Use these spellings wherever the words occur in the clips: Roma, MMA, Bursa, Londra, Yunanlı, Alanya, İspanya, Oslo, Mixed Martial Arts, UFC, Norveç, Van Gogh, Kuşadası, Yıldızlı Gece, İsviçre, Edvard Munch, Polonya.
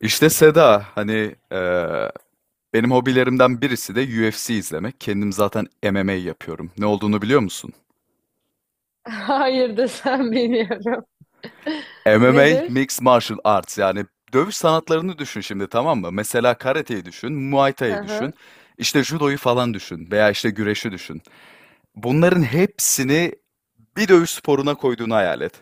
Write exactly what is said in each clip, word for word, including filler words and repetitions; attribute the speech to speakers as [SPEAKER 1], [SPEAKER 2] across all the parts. [SPEAKER 1] İşte Seda hani eee, benim hobilerimden birisi de U F C izlemek. Kendim zaten M M A yapıyorum. Ne olduğunu biliyor musun?
[SPEAKER 2] Hayır desem bilmiyorum.
[SPEAKER 1] M M A
[SPEAKER 2] Nedir?
[SPEAKER 1] Mixed Martial Arts yani dövüş sanatlarını düşün şimdi, tamam mı? Mesela karateyi düşün, Muay Thai'yi düşün,
[SPEAKER 2] Aha.
[SPEAKER 1] işte judoyu falan düşün veya işte güreşi düşün. Bunların hepsini bir dövüş sporuna koyduğunu hayal et.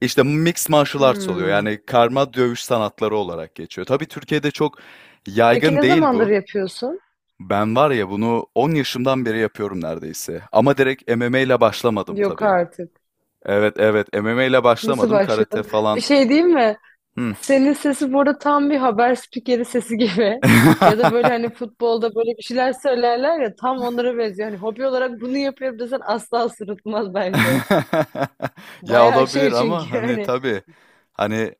[SPEAKER 1] İşte Mixed Martial Arts oluyor,
[SPEAKER 2] Hmm.
[SPEAKER 1] yani karma dövüş sanatları olarak geçiyor. Tabii Türkiye'de çok
[SPEAKER 2] Peki
[SPEAKER 1] yaygın
[SPEAKER 2] ne
[SPEAKER 1] değil
[SPEAKER 2] zamandır
[SPEAKER 1] bu.
[SPEAKER 2] yapıyorsun?
[SPEAKER 1] Ben var ya bunu on yaşımdan beri yapıyorum neredeyse. Ama direkt M M A ile başlamadım
[SPEAKER 2] Yok
[SPEAKER 1] tabii.
[SPEAKER 2] artık.
[SPEAKER 1] Evet evet, M M A ile
[SPEAKER 2] Nasıl
[SPEAKER 1] başlamadım. Karate
[SPEAKER 2] başladın? Bir
[SPEAKER 1] falan.
[SPEAKER 2] şey diyeyim mi?
[SPEAKER 1] Hmm.
[SPEAKER 2] Senin sesi bu arada tam bir haber spikeri sesi gibi. Ya da böyle hani futbolda böyle bir şeyler söylerler ya tam onlara benziyor. Hani hobi olarak bunu yapıyorum desen asla sırıtmaz bence.
[SPEAKER 1] Ya
[SPEAKER 2] Bayağı şey
[SPEAKER 1] olabilir ama
[SPEAKER 2] çünkü
[SPEAKER 1] hani
[SPEAKER 2] hani.
[SPEAKER 1] tabii hani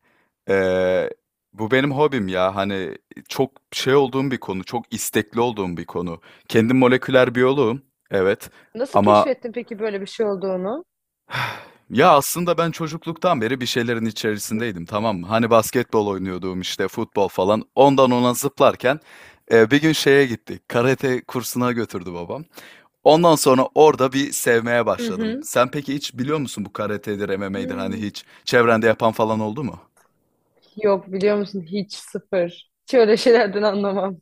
[SPEAKER 1] eee, bu benim hobim ya hani çok şey olduğum bir konu, çok istekli olduğum bir konu. Kendim moleküler biyoloğum, evet,
[SPEAKER 2] Nasıl
[SPEAKER 1] ama
[SPEAKER 2] keşfettin peki böyle bir şey olduğunu?
[SPEAKER 1] ya aslında ben çocukluktan beri bir şeylerin içerisindeydim, tamam mı? Hani basketbol oynuyordum, işte futbol falan. Ondan ona zıplarken e, bir gün şeye gittik. Karate kursuna götürdü babam. Ondan sonra orada bir sevmeye
[SPEAKER 2] Hı
[SPEAKER 1] başladım.
[SPEAKER 2] hı.
[SPEAKER 1] Sen peki hiç biliyor musun bu karatedir, M M A'dir, hani
[SPEAKER 2] Hmm.
[SPEAKER 1] hiç çevrende yapan falan oldu mu?
[SPEAKER 2] Yok biliyor musun hiç sıfır. Hiç öyle şeylerden anlamam.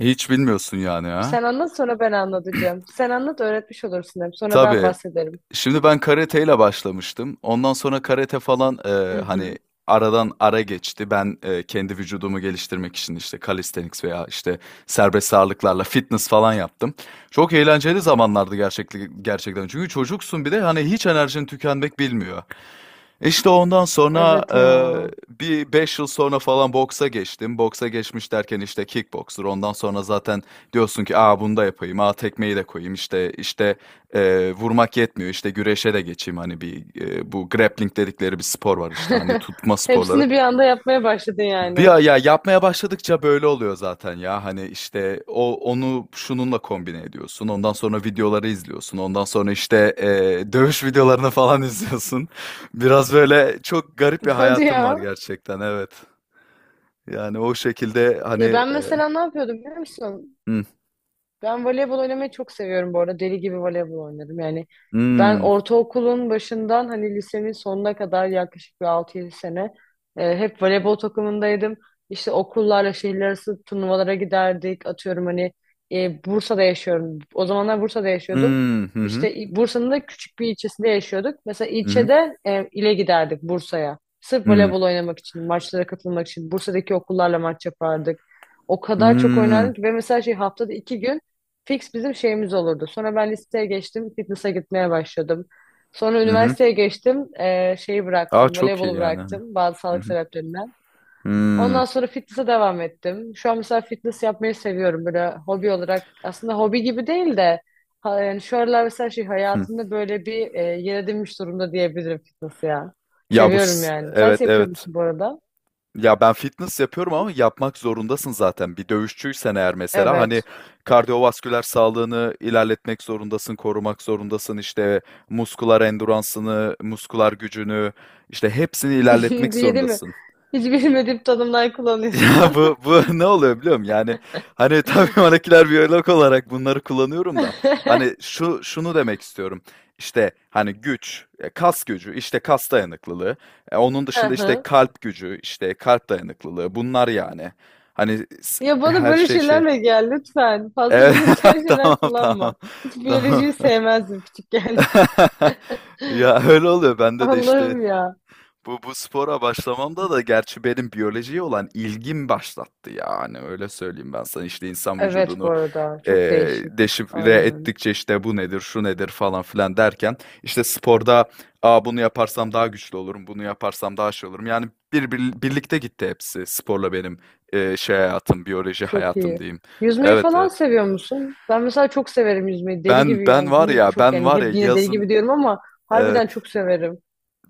[SPEAKER 1] Hiç bilmiyorsun yani, ha?
[SPEAKER 2] Sen anlat sonra ben anlatacağım. Sen anlat öğretmiş olursun hem Sonra ben
[SPEAKER 1] Tabii.
[SPEAKER 2] bahsederim.
[SPEAKER 1] Şimdi ben karateyle başlamıştım. Ondan sonra karate falan
[SPEAKER 2] Hı
[SPEAKER 1] eee,
[SPEAKER 2] hı.
[SPEAKER 1] hani aradan ara geçti. Ben eee, kendi vücudumu geliştirmek için işte calisthenics veya işte serbest ağırlıklarla fitness falan yaptım. Çok eğlenceli zamanlardı gerçekten gerçekten. Çünkü çocuksun, bir de hani hiç enerjin tükenmek bilmiyor. İşte ondan sonra,
[SPEAKER 2] Evet ya.
[SPEAKER 1] eee, bir beş yıl sonra falan boksa geçtim. Boksa geçmiş derken işte kickboxer. Ondan sonra zaten diyorsun ki, "A, bunu da yapayım. A, tekmeyi de koyayım." İşte işte, eee, vurmak yetmiyor. İşte güreşe de geçeyim. Hani bir, eee, bu grappling dedikleri bir spor var işte, hani tutma sporları.
[SPEAKER 2] Hepsini bir anda yapmaya başladın
[SPEAKER 1] Bir
[SPEAKER 2] yani.
[SPEAKER 1] ay- ya yapmaya başladıkça böyle oluyor zaten ya. Hani işte o onu şununla kombine ediyorsun. Ondan sonra videoları izliyorsun. Ondan sonra işte eee, dövüş videolarını falan izliyorsun. Biraz böyle çok garip bir
[SPEAKER 2] Hadi
[SPEAKER 1] hayatım var
[SPEAKER 2] ya.
[SPEAKER 1] gerçekten. Evet. Yani o şekilde
[SPEAKER 2] Ya
[SPEAKER 1] hani
[SPEAKER 2] ben
[SPEAKER 1] eee,
[SPEAKER 2] mesela ne yapıyordum biliyor musun? Ben voleybol oynamayı çok seviyorum bu arada. Deli gibi voleybol oynadım. Yani ben
[SPEAKER 1] hı,
[SPEAKER 2] ortaokulun başından hani lisenin sonuna kadar yaklaşık bir altı yedi sene e, hep voleybol takımındaydım. İşte okullarla şehirler arası turnuvalara giderdik. Atıyorum hani e, Bursa'da yaşıyorum. O zamanlar Bursa'da
[SPEAKER 1] hı,
[SPEAKER 2] yaşıyordum.
[SPEAKER 1] hı, hı,
[SPEAKER 2] İşte i- Bursa'nın da küçük bir ilçesinde yaşıyorduk. Mesela
[SPEAKER 1] hı,
[SPEAKER 2] ilçede e, ile giderdik Bursa'ya. Sırf
[SPEAKER 1] hı,
[SPEAKER 2] voleybol oynamak için, maçlara katılmak için Bursa'daki okullarla maç yapardık. O kadar çok
[SPEAKER 1] hı,
[SPEAKER 2] oynardık ki, ve mesela şey haftada iki gün Fix bizim şeyimiz olurdu. Sonra ben liseye geçtim, fitness'a gitmeye başladım. Sonra
[SPEAKER 1] hı, hı.
[SPEAKER 2] üniversiteye geçtim, eee, şeyi
[SPEAKER 1] Aa,
[SPEAKER 2] bıraktım,
[SPEAKER 1] çok iyi
[SPEAKER 2] voleybolu
[SPEAKER 1] yani, hani.
[SPEAKER 2] bıraktım bazı
[SPEAKER 1] Hı
[SPEAKER 2] sağlık
[SPEAKER 1] hı.
[SPEAKER 2] sebeplerinden.
[SPEAKER 1] Hı,
[SPEAKER 2] Ondan sonra fitness'a devam ettim. Şu an mesela fitness yapmayı seviyorum böyle hobi olarak. Aslında hobi gibi değil de ha- yani şu aralar mesela şey
[SPEAKER 1] hı.
[SPEAKER 2] hayatımda böyle bir eee yer edinmiş durumda diyebilirim fitness ya.
[SPEAKER 1] Ya bu
[SPEAKER 2] Seviyorum
[SPEAKER 1] s-
[SPEAKER 2] yani. Sen
[SPEAKER 1] evet
[SPEAKER 2] yapıyor
[SPEAKER 1] evet.
[SPEAKER 2] musun bu arada?
[SPEAKER 1] Ya ben fitness yapıyorum ama yapmak zorundasın zaten. Bir dövüşçüysen eğer, mesela hani
[SPEAKER 2] Evet.
[SPEAKER 1] kardiyovasküler sağlığını ilerletmek zorundasın, korumak zorundasın. İşte muskular enduransını, muskular gücünü, işte hepsini ilerletmek
[SPEAKER 2] Diye değil mi?
[SPEAKER 1] zorundasın.
[SPEAKER 2] Hiç bilmediğim tanımlar
[SPEAKER 1] Ya,
[SPEAKER 2] kullanıyorsun.
[SPEAKER 1] bu bu ne oluyor biliyor musun? Yani, hani, tabii moleküler biyolog olarak bunları kullanıyorum da, hani, şu şunu demek istiyorum, işte, hani, güç, eee, kas gücü, işte, kas dayanıklılığı, eee, onun
[SPEAKER 2] Hı
[SPEAKER 1] dışında, işte,
[SPEAKER 2] hı.
[SPEAKER 1] kalp gücü, işte, kalp dayanıklılığı, bunlar yani. Hani, s
[SPEAKER 2] Ya bana
[SPEAKER 1] her
[SPEAKER 2] böyle
[SPEAKER 1] şey şey.
[SPEAKER 2] şeylerle gel lütfen. Fazla
[SPEAKER 1] Evet,
[SPEAKER 2] bilimsel şeyler
[SPEAKER 1] tamam, tamam,
[SPEAKER 2] kullanma. Hiç
[SPEAKER 1] tamam.
[SPEAKER 2] biyolojiyi sevmezdim küçükken.
[SPEAKER 1] Ya, öyle oluyor. Bende de, işte,
[SPEAKER 2] Allah'ım ya.
[SPEAKER 1] bu bu spora başlamamda da gerçi benim biyolojiye olan ilgim başlattı, yani öyle söyleyeyim. Ben sana işte insan
[SPEAKER 2] Evet bu
[SPEAKER 1] vücudunu
[SPEAKER 2] arada çok
[SPEAKER 1] eee
[SPEAKER 2] değişik.
[SPEAKER 1] deşifre
[SPEAKER 2] Aynen.
[SPEAKER 1] ettikçe işte bu nedir şu nedir falan filan derken işte sporda, "Aa, bunu yaparsam daha güçlü olurum, bunu yaparsam daha şey olurum," yani bir, bir- birlikte gitti hepsi sporla benim eee, şey hayatım, biyoloji
[SPEAKER 2] Çok
[SPEAKER 1] hayatım
[SPEAKER 2] iyi.
[SPEAKER 1] diyeyim.
[SPEAKER 2] Yüzmeyi
[SPEAKER 1] Evet
[SPEAKER 2] falan
[SPEAKER 1] evet,
[SPEAKER 2] seviyor musun? Ben mesela çok severim yüzmeyi. Deli
[SPEAKER 1] ben
[SPEAKER 2] gibi
[SPEAKER 1] ben
[SPEAKER 2] yani,
[SPEAKER 1] var
[SPEAKER 2] yine
[SPEAKER 1] ya,
[SPEAKER 2] çok,
[SPEAKER 1] ben
[SPEAKER 2] yani
[SPEAKER 1] var ya
[SPEAKER 2] hep yine deli
[SPEAKER 1] yazın,
[SPEAKER 2] gibi diyorum ama
[SPEAKER 1] evet,
[SPEAKER 2] harbiden çok severim.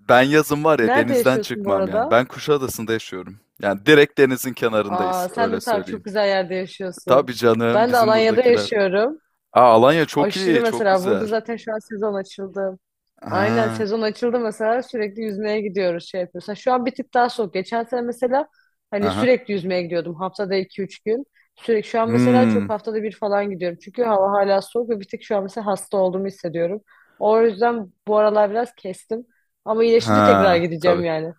[SPEAKER 1] ben yazın var ya
[SPEAKER 2] Nerede
[SPEAKER 1] denizden
[SPEAKER 2] yaşıyorsun bu
[SPEAKER 1] çıkmam yani.
[SPEAKER 2] arada?
[SPEAKER 1] Ben Kuşadası'nda yaşıyorum. Yani direkt denizin kenarındayız,
[SPEAKER 2] Aa, sen de
[SPEAKER 1] öyle
[SPEAKER 2] tabii çok
[SPEAKER 1] söyleyeyim.
[SPEAKER 2] güzel yerde yaşıyorsun.
[SPEAKER 1] Tabii canım,
[SPEAKER 2] Ben de
[SPEAKER 1] bizim
[SPEAKER 2] Alanya'da
[SPEAKER 1] buradakiler.
[SPEAKER 2] yaşıyorum.
[SPEAKER 1] Aa, Alanya çok
[SPEAKER 2] Aşırı
[SPEAKER 1] iyi, çok
[SPEAKER 2] mesela, burada
[SPEAKER 1] güzel.
[SPEAKER 2] zaten şu an sezon açıldı. Aynen,
[SPEAKER 1] Ha,
[SPEAKER 2] sezon açıldı mesela, sürekli yüzmeye gidiyoruz, şey yapıyoruz. Ha, şu an bir tık daha soğuk. Geçen sene mesela hani
[SPEAKER 1] aha.
[SPEAKER 2] sürekli yüzmeye gidiyordum, haftada iki üç gün. Sürekli şu an mesela çok,
[SPEAKER 1] Hmm.
[SPEAKER 2] haftada bir falan gidiyorum. Çünkü hava hala soğuk ve bir tık şu an mesela hasta olduğumu hissediyorum. O yüzden bu aralar biraz kestim. Ama iyileşince tekrar
[SPEAKER 1] Ha,
[SPEAKER 2] gideceğim
[SPEAKER 1] tabii.
[SPEAKER 2] yani.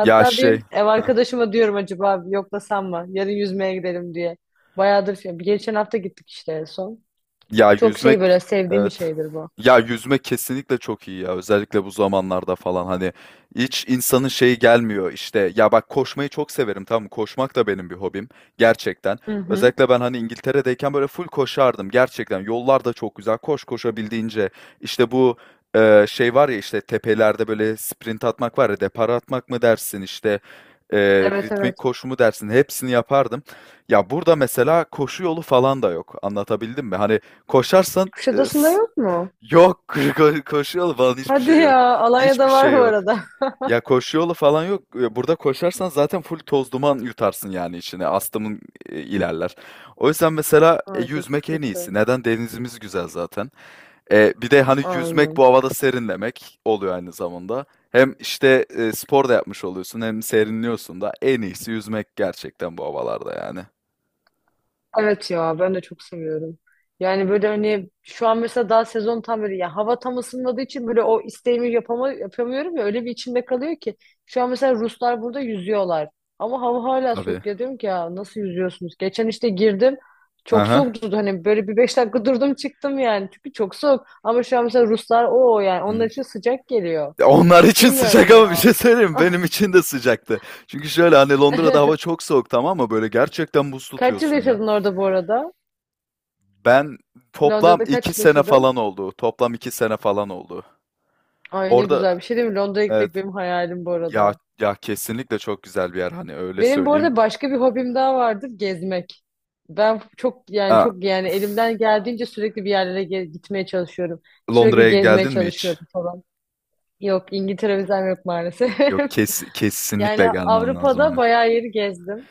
[SPEAKER 1] Ya şey.
[SPEAKER 2] bir ev arkadaşıma diyorum, acaba yoklasam mı? Yarın yüzmeye gidelim diye. Bayağıdır şey. Geçen hafta gittik işte en son.
[SPEAKER 1] Ya
[SPEAKER 2] Çok şey,
[SPEAKER 1] yüzmek,
[SPEAKER 2] böyle sevdiğim bir
[SPEAKER 1] evet.
[SPEAKER 2] şeydir bu.
[SPEAKER 1] Ya yüzmek kesinlikle çok iyi ya. Özellikle bu zamanlarda falan hani hiç insanın şeyi gelmiyor işte. Ya bak, koşmayı çok severim, tamam mı? Koşmak da benim bir hobim gerçekten.
[SPEAKER 2] Hı hı.
[SPEAKER 1] Özellikle ben hani İngiltere'deyken böyle full koşardım gerçekten. Yollar da çok güzel. Koş koşabildiğince. İşte bu e, şey var ya işte tepelerde böyle sprint atmak var ya, depara atmak mı dersin, işte e,
[SPEAKER 2] Evet
[SPEAKER 1] ritmik
[SPEAKER 2] evet.
[SPEAKER 1] koşu mu dersin, hepsini yapardım. Ya burada mesela koşu yolu falan da yok. Anlatabildim mi? Hani koşarsan e,
[SPEAKER 2] Kuşadası'nda
[SPEAKER 1] s-
[SPEAKER 2] yok mu?
[SPEAKER 1] yok, ko- koşu yolu falan hiçbir
[SPEAKER 2] Hadi
[SPEAKER 1] şey yok.
[SPEAKER 2] ya.
[SPEAKER 1] Hiçbir
[SPEAKER 2] Alanya'da var
[SPEAKER 1] şey
[SPEAKER 2] bu
[SPEAKER 1] yok.
[SPEAKER 2] arada.
[SPEAKER 1] Ya koşu yolu falan yok. E, burada koşarsan zaten full toz duman yutarsın yani içine. Astımın e, ilerler. O yüzden mesela e,
[SPEAKER 2] Aa, çok
[SPEAKER 1] yüzmek en iyisi.
[SPEAKER 2] sıkıntı.
[SPEAKER 1] Neden? Denizimiz güzel zaten. E, bir de hani yüzmek
[SPEAKER 2] Aynen.
[SPEAKER 1] bu havada serinlemek oluyor aynı zamanda. Hem işte e, spor da yapmış oluyorsun, hem serinliyorsun da, en iyisi yüzmek gerçekten bu havalarda yani.
[SPEAKER 2] Evet ya, ben de çok seviyorum. Yani böyle hani şu an mesela daha sezon tam böyle, ya hava tam ısınmadığı için böyle o isteğimi yapama, yapamıyorum ya, öyle bir içimde kalıyor ki. Şu an mesela Ruslar burada yüzüyorlar. Ama hava hala
[SPEAKER 1] Tabii.
[SPEAKER 2] soğuk ya, diyorum ki ya nasıl yüzüyorsunuz? Geçen işte girdim, çok
[SPEAKER 1] Aha.
[SPEAKER 2] soğuktu hani böyle, bir beş dakika durdum çıktım yani, çünkü çok soğuk. Ama şu an mesela Ruslar, o yani onlar
[SPEAKER 1] Hı.
[SPEAKER 2] için sıcak geliyor.
[SPEAKER 1] Ya onlar için sıcak,
[SPEAKER 2] Bilmiyorum ya.
[SPEAKER 1] ama bir şey söyleyeyim mi? Benim için de sıcaktı. Çünkü şöyle, hani Londra'da hava çok soğuk, tamam mı? Böyle gerçekten buz
[SPEAKER 2] Kaç yıl
[SPEAKER 1] tutuyorsun ya.
[SPEAKER 2] yaşadın orada bu arada?
[SPEAKER 1] Ben toplam
[SPEAKER 2] Londra'da
[SPEAKER 1] iki
[SPEAKER 2] kaç yıl
[SPEAKER 1] sene
[SPEAKER 2] yaşadın?
[SPEAKER 1] falan oldu. Toplam iki sene falan oldu.
[SPEAKER 2] Ay, ne
[SPEAKER 1] Orada,
[SPEAKER 2] güzel bir şey değil mi? Londra'ya
[SPEAKER 1] evet,
[SPEAKER 2] gitmek benim hayalim bu
[SPEAKER 1] ya,
[SPEAKER 2] arada.
[SPEAKER 1] ya kesinlikle çok güzel bir yer hani, öyle
[SPEAKER 2] Benim bu
[SPEAKER 1] söyleyeyim.
[SPEAKER 2] arada başka bir hobim daha vardır, gezmek. Ben çok yani,
[SPEAKER 1] Ha,
[SPEAKER 2] çok yani elimden geldiğince sürekli bir yerlere ge- gitmeye çalışıyorum. Sürekli
[SPEAKER 1] Londra'ya
[SPEAKER 2] gezmeye
[SPEAKER 1] geldin mi hiç?
[SPEAKER 2] çalışıyorum falan. Yok, İngiltere vizem yok maalesef.
[SPEAKER 1] Yok, kes,
[SPEAKER 2] Yani
[SPEAKER 1] kesinlikle gelmen lazım
[SPEAKER 2] Avrupa'da
[SPEAKER 1] hani.
[SPEAKER 2] bayağı yeri gezdim.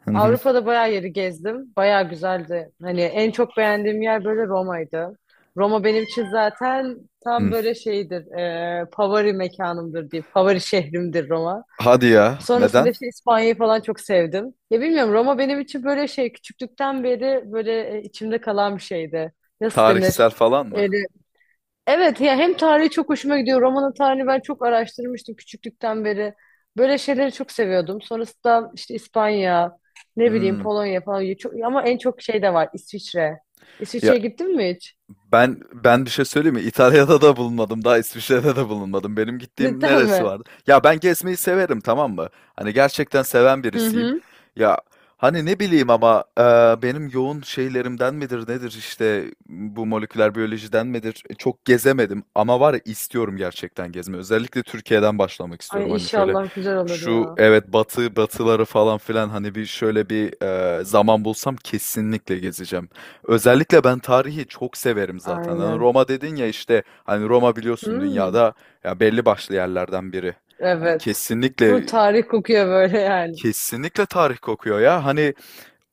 [SPEAKER 1] Hı hı,
[SPEAKER 2] Avrupa'da bayağı yeri gezdim. Bayağı güzeldi. Hani en çok beğendiğim yer böyle Roma'ydı. Roma benim için zaten tam
[SPEAKER 1] hı.
[SPEAKER 2] böyle şeydir. E, favori mekanımdır diye. Favori şehrimdir Roma.
[SPEAKER 1] Hadi ya,
[SPEAKER 2] Sonrasında
[SPEAKER 1] neden?
[SPEAKER 2] işte İspanya'yı falan çok sevdim. Ya bilmiyorum, Roma benim için böyle şey, küçüklükten beri böyle e, içimde kalan bir şeydi. Nasıl
[SPEAKER 1] Tarihsel
[SPEAKER 2] denir?
[SPEAKER 1] falan mı?
[SPEAKER 2] Evet ya, hem tarihi çok hoşuma gidiyor. Roma'nın tarihini ben çok araştırmıştım küçüklükten beri. Böyle şeyleri çok seviyordum. Sonrasında işte İspanya, ne bileyim
[SPEAKER 1] Hmm.
[SPEAKER 2] Polonya falan. Çok, ama en çok şey de var, İsviçre. İsviçre'ye gittin mi hiç?
[SPEAKER 1] Ben ben bir şey söyleyeyim mi? İtalya'da da bulunmadım, daha İsviçre'de de bulunmadım. Benim gittiğim
[SPEAKER 2] Cidden
[SPEAKER 1] neresi
[SPEAKER 2] mi?
[SPEAKER 1] vardı? Ya ben gezmeyi severim, tamam mı? Hani gerçekten seven
[SPEAKER 2] Hı
[SPEAKER 1] birisiyim.
[SPEAKER 2] hı.
[SPEAKER 1] Ya hani ne bileyim ama e, benim yoğun şeylerimden midir nedir, işte bu moleküler biyolojiden midir? E, çok gezemedim ama var ya, istiyorum gerçekten gezmeyi. Özellikle Türkiye'den başlamak istiyorum.
[SPEAKER 2] Ay,
[SPEAKER 1] Hani şöyle,
[SPEAKER 2] inşallah güzel olur
[SPEAKER 1] şu,
[SPEAKER 2] ya.
[SPEAKER 1] evet, batı batıları falan filan, hani bir şöyle bir e, zaman bulsam kesinlikle gezeceğim. Özellikle ben tarihi çok severim zaten. Hani
[SPEAKER 2] Aynen.
[SPEAKER 1] Roma dedin ya, işte hani Roma biliyorsun
[SPEAKER 2] Hmm,
[SPEAKER 1] dünyada ya belli başlı yerlerden biri. Hani
[SPEAKER 2] evet. Bu
[SPEAKER 1] kesinlikle,
[SPEAKER 2] tarih kokuyor böyle yani.
[SPEAKER 1] kesinlikle tarih kokuyor ya. Hani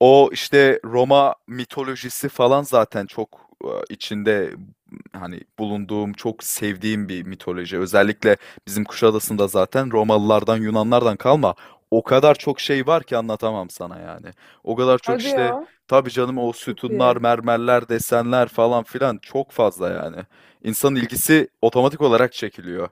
[SPEAKER 1] o, işte, Roma mitolojisi falan zaten çok, ııı, içinde, hani, bulunduğum, çok sevdiğim bir mitoloji. Özellikle bizim Kuşadası'nda zaten Romalılardan, Yunanlardan kalma o kadar çok şey var ki, anlatamam sana yani. O kadar çok,
[SPEAKER 2] Hadi
[SPEAKER 1] işte,
[SPEAKER 2] ya.
[SPEAKER 1] tabii canım, o
[SPEAKER 2] Çok
[SPEAKER 1] sütunlar,
[SPEAKER 2] iyi.
[SPEAKER 1] mermerler, desenler falan filan çok fazla yani. İnsanın ilgisi otomatik olarak çekiliyor.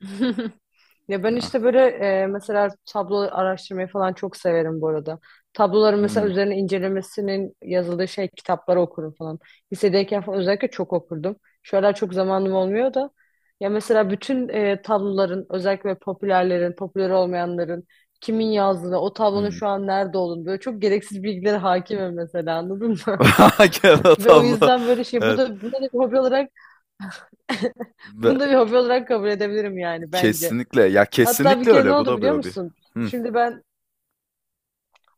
[SPEAKER 2] Ya ben işte
[SPEAKER 1] Ah.
[SPEAKER 2] böyle e, mesela tablo araştırmayı falan çok severim bu arada. Tabloların mesela
[SPEAKER 1] Hımm.
[SPEAKER 2] üzerine incelemesinin yazıldığı şey kitapları okurum falan. Lisedeyken falan özellikle çok okurdum. Şu aralar çok zamanım olmuyor da. Ya mesela bütün e, tabloların, özellikle popülerlerin, popüler olmayanların kimin yazdığını, o tablonun
[SPEAKER 1] Hımm.
[SPEAKER 2] şu an nerede olduğunu, böyle çok gereksiz bilgilere hakimim mesela, anladın mı?
[SPEAKER 1] Kağıt
[SPEAKER 2] Ve o
[SPEAKER 1] havlu.
[SPEAKER 2] yüzden böyle şey, bu
[SPEAKER 1] Evet.
[SPEAKER 2] da bunu da bir hobi olarak bunu da bir hobi olarak kabul edebilirim yani, bence.
[SPEAKER 1] Kesinlikle. Ya,
[SPEAKER 2] Hatta bir
[SPEAKER 1] kesinlikle
[SPEAKER 2] kere ne
[SPEAKER 1] öyle. Bu
[SPEAKER 2] oldu
[SPEAKER 1] da bir
[SPEAKER 2] biliyor
[SPEAKER 1] hobi.
[SPEAKER 2] musun?
[SPEAKER 1] Hıh.
[SPEAKER 2] Şimdi ben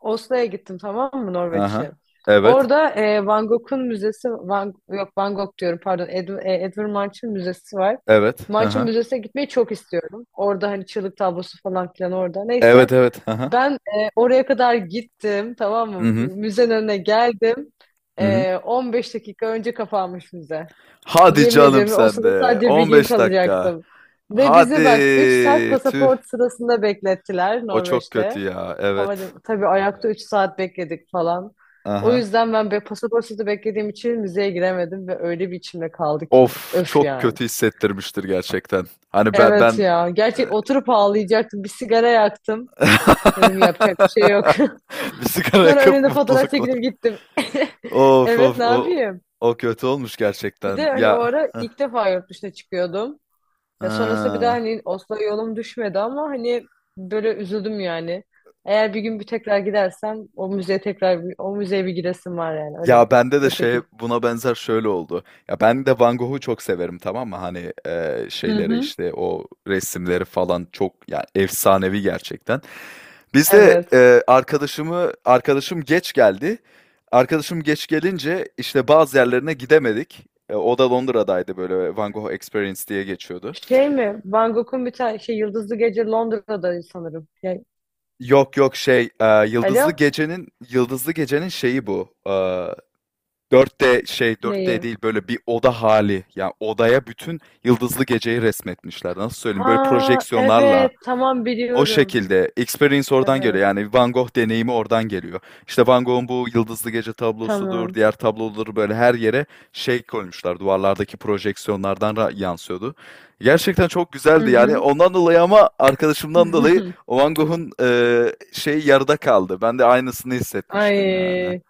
[SPEAKER 2] Oslo'ya gittim, tamam mı,
[SPEAKER 1] Hı hı.
[SPEAKER 2] Norveç'e.
[SPEAKER 1] Evet.
[SPEAKER 2] Orada e, Van Gogh'un müzesi, Van, yok Van Gogh diyorum pardon, Ed, e, Edvard Munch'ın müzesi var.
[SPEAKER 1] Evet.
[SPEAKER 2] Munch'ın
[SPEAKER 1] Aha.
[SPEAKER 2] müzesine gitmeyi çok istiyorum. Orada hani çığlık tablosu falan filan orada. Neyse,
[SPEAKER 1] Evet, evet. Aha.
[SPEAKER 2] ben e, oraya kadar gittim, tamam
[SPEAKER 1] Hı.
[SPEAKER 2] mı?
[SPEAKER 1] Hı hı.
[SPEAKER 2] Müzenin önüne geldim.
[SPEAKER 1] Hı.
[SPEAKER 2] E, 15 dakika önce kapanmış müze.
[SPEAKER 1] Hadi
[SPEAKER 2] Yemin
[SPEAKER 1] canım
[SPEAKER 2] ediyorum, o
[SPEAKER 1] sen
[SPEAKER 2] sırada
[SPEAKER 1] de.
[SPEAKER 2] sadece bir gün
[SPEAKER 1] on beş dakika.
[SPEAKER 2] kalacaktım. Ve
[SPEAKER 1] Hadi.
[SPEAKER 2] bizi bak üç saat
[SPEAKER 1] Tüh.
[SPEAKER 2] pasaport sırasında beklettiler
[SPEAKER 1] O çok kötü
[SPEAKER 2] Norveç'te.
[SPEAKER 1] ya.
[SPEAKER 2] Ama
[SPEAKER 1] Evet.
[SPEAKER 2] tabii ayakta üç saat bekledik falan. O
[SPEAKER 1] Aha.
[SPEAKER 2] yüzden ben be pasaport sırası beklediğim için müzeye giremedim ve öyle bir içimde kaldı ki.
[SPEAKER 1] Of,
[SPEAKER 2] Öf
[SPEAKER 1] çok
[SPEAKER 2] yani.
[SPEAKER 1] kötü hissettirmiştir gerçekten. Hani ben
[SPEAKER 2] Evet
[SPEAKER 1] ben
[SPEAKER 2] ya. Gerçek oturup ağlayacaktım. Bir sigara yaktım. Dedim
[SPEAKER 1] eee
[SPEAKER 2] yapacak bir şey yok.
[SPEAKER 1] bir sigara
[SPEAKER 2] Sonra
[SPEAKER 1] yakıp
[SPEAKER 2] önünde fotoğraf
[SPEAKER 1] mutluluklar.
[SPEAKER 2] çekilip gittim.
[SPEAKER 1] Of,
[SPEAKER 2] Evet, ne
[SPEAKER 1] of. O
[SPEAKER 2] yapayım?
[SPEAKER 1] o kötü olmuş
[SPEAKER 2] Bir
[SPEAKER 1] gerçekten.
[SPEAKER 2] de hani o
[SPEAKER 1] Ya.
[SPEAKER 2] ara
[SPEAKER 1] Hıh.
[SPEAKER 2] ilk defa yurt dışına çıkıyordum. Ya, sonrasında bir daha
[SPEAKER 1] Hıı.
[SPEAKER 2] hani Oslo'ya yolum düşmedi ama hani böyle üzüldüm yani. Eğer bir gün bir tekrar gidersem o müzeye, tekrar bir- o müzeye bir gidesim var yani, öyle.
[SPEAKER 1] Ya bende de
[SPEAKER 2] O
[SPEAKER 1] şey,
[SPEAKER 2] şekil.
[SPEAKER 1] buna benzer şöyle oldu. Ya ben de Van Gogh'u çok severim, tamam mı? Hani eee,
[SPEAKER 2] Hı
[SPEAKER 1] şeyleri,
[SPEAKER 2] hı.
[SPEAKER 1] işte o resimleri falan çok, yani efsanevi gerçekten. Biz de
[SPEAKER 2] Evet.
[SPEAKER 1] eee, arkadaşımı arkadaşım geç geldi. Arkadaşım geç gelince işte bazı yerlerine gidemedik. E, o da Londra'daydı, böyle Van Gogh Experience diye geçiyordu.
[SPEAKER 2] Şey mi? Van Gogh'un bir tane şey, Yıldızlı Gece, Londra'da sanırım. Yani,
[SPEAKER 1] Yok yok şey, eee, Yıldızlı
[SPEAKER 2] alo?
[SPEAKER 1] Gece'nin Yıldızlı Gece'nin şeyi bu. Dört d şey dört d
[SPEAKER 2] Neyi?
[SPEAKER 1] değil, böyle bir oda hali. Yani odaya bütün yıldızlı geceyi resmetmişler. Nasıl söyleyeyim? Böyle
[SPEAKER 2] Ha,
[SPEAKER 1] projeksiyonlarla,
[SPEAKER 2] evet, tamam,
[SPEAKER 1] o
[SPEAKER 2] biliyorum.
[SPEAKER 1] şekilde experience oradan
[SPEAKER 2] Evet.
[SPEAKER 1] geliyor. Yani Van Gogh deneyimi oradan geliyor. İşte Van Gogh'un bu yıldızlı gece tablosudur,
[SPEAKER 2] Tamam.
[SPEAKER 1] diğer tabloları böyle her yere şey koymuşlar. Duvarlardaki projeksiyonlardan ra- yansıyordu. Gerçekten çok
[SPEAKER 2] Hı
[SPEAKER 1] güzeldi yani.
[SPEAKER 2] hı.
[SPEAKER 1] Ondan dolayı, ama arkadaşımdan dolayı o Van Gogh'un eee, şey yarıda kaldı. Ben de aynısını hissetmiştim yani.
[SPEAKER 2] Ay,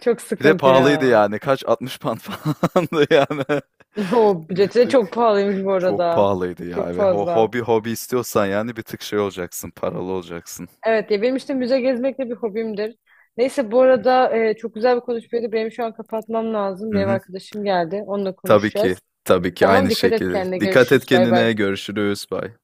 [SPEAKER 2] çok
[SPEAKER 1] Bir de
[SPEAKER 2] sıkıntı
[SPEAKER 1] pahalıydı
[SPEAKER 2] ya.
[SPEAKER 1] yani. Kaç? altmış pound falandı yani.
[SPEAKER 2] O
[SPEAKER 1] Bir
[SPEAKER 2] bileti de çok
[SPEAKER 1] tık
[SPEAKER 2] pahalıymış bu
[SPEAKER 1] çok
[SPEAKER 2] arada.
[SPEAKER 1] pahalıydı ya.
[SPEAKER 2] Çok
[SPEAKER 1] Evet. Ho-
[SPEAKER 2] fazla.
[SPEAKER 1] hobi hobi istiyorsan, yani bir tık şey olacaksın, paralı olacaksın.
[SPEAKER 2] Evet ya, benim işte müze gezmek de bir hobimdir. Neyse bu arada, e, çok güzel bir konuşmaydı. Benim şu an kapatmam lazım.
[SPEAKER 1] Hı
[SPEAKER 2] Bir ev
[SPEAKER 1] hı.
[SPEAKER 2] arkadaşım geldi. Onunla
[SPEAKER 1] Tabii ki.
[SPEAKER 2] konuşacağız.
[SPEAKER 1] Tabii ki,
[SPEAKER 2] Tamam,
[SPEAKER 1] aynı
[SPEAKER 2] dikkat et
[SPEAKER 1] şekilde.
[SPEAKER 2] kendine.
[SPEAKER 1] Dikkat et
[SPEAKER 2] Görüşürüz. Bay bay.
[SPEAKER 1] kendine. Görüşürüz. Bye.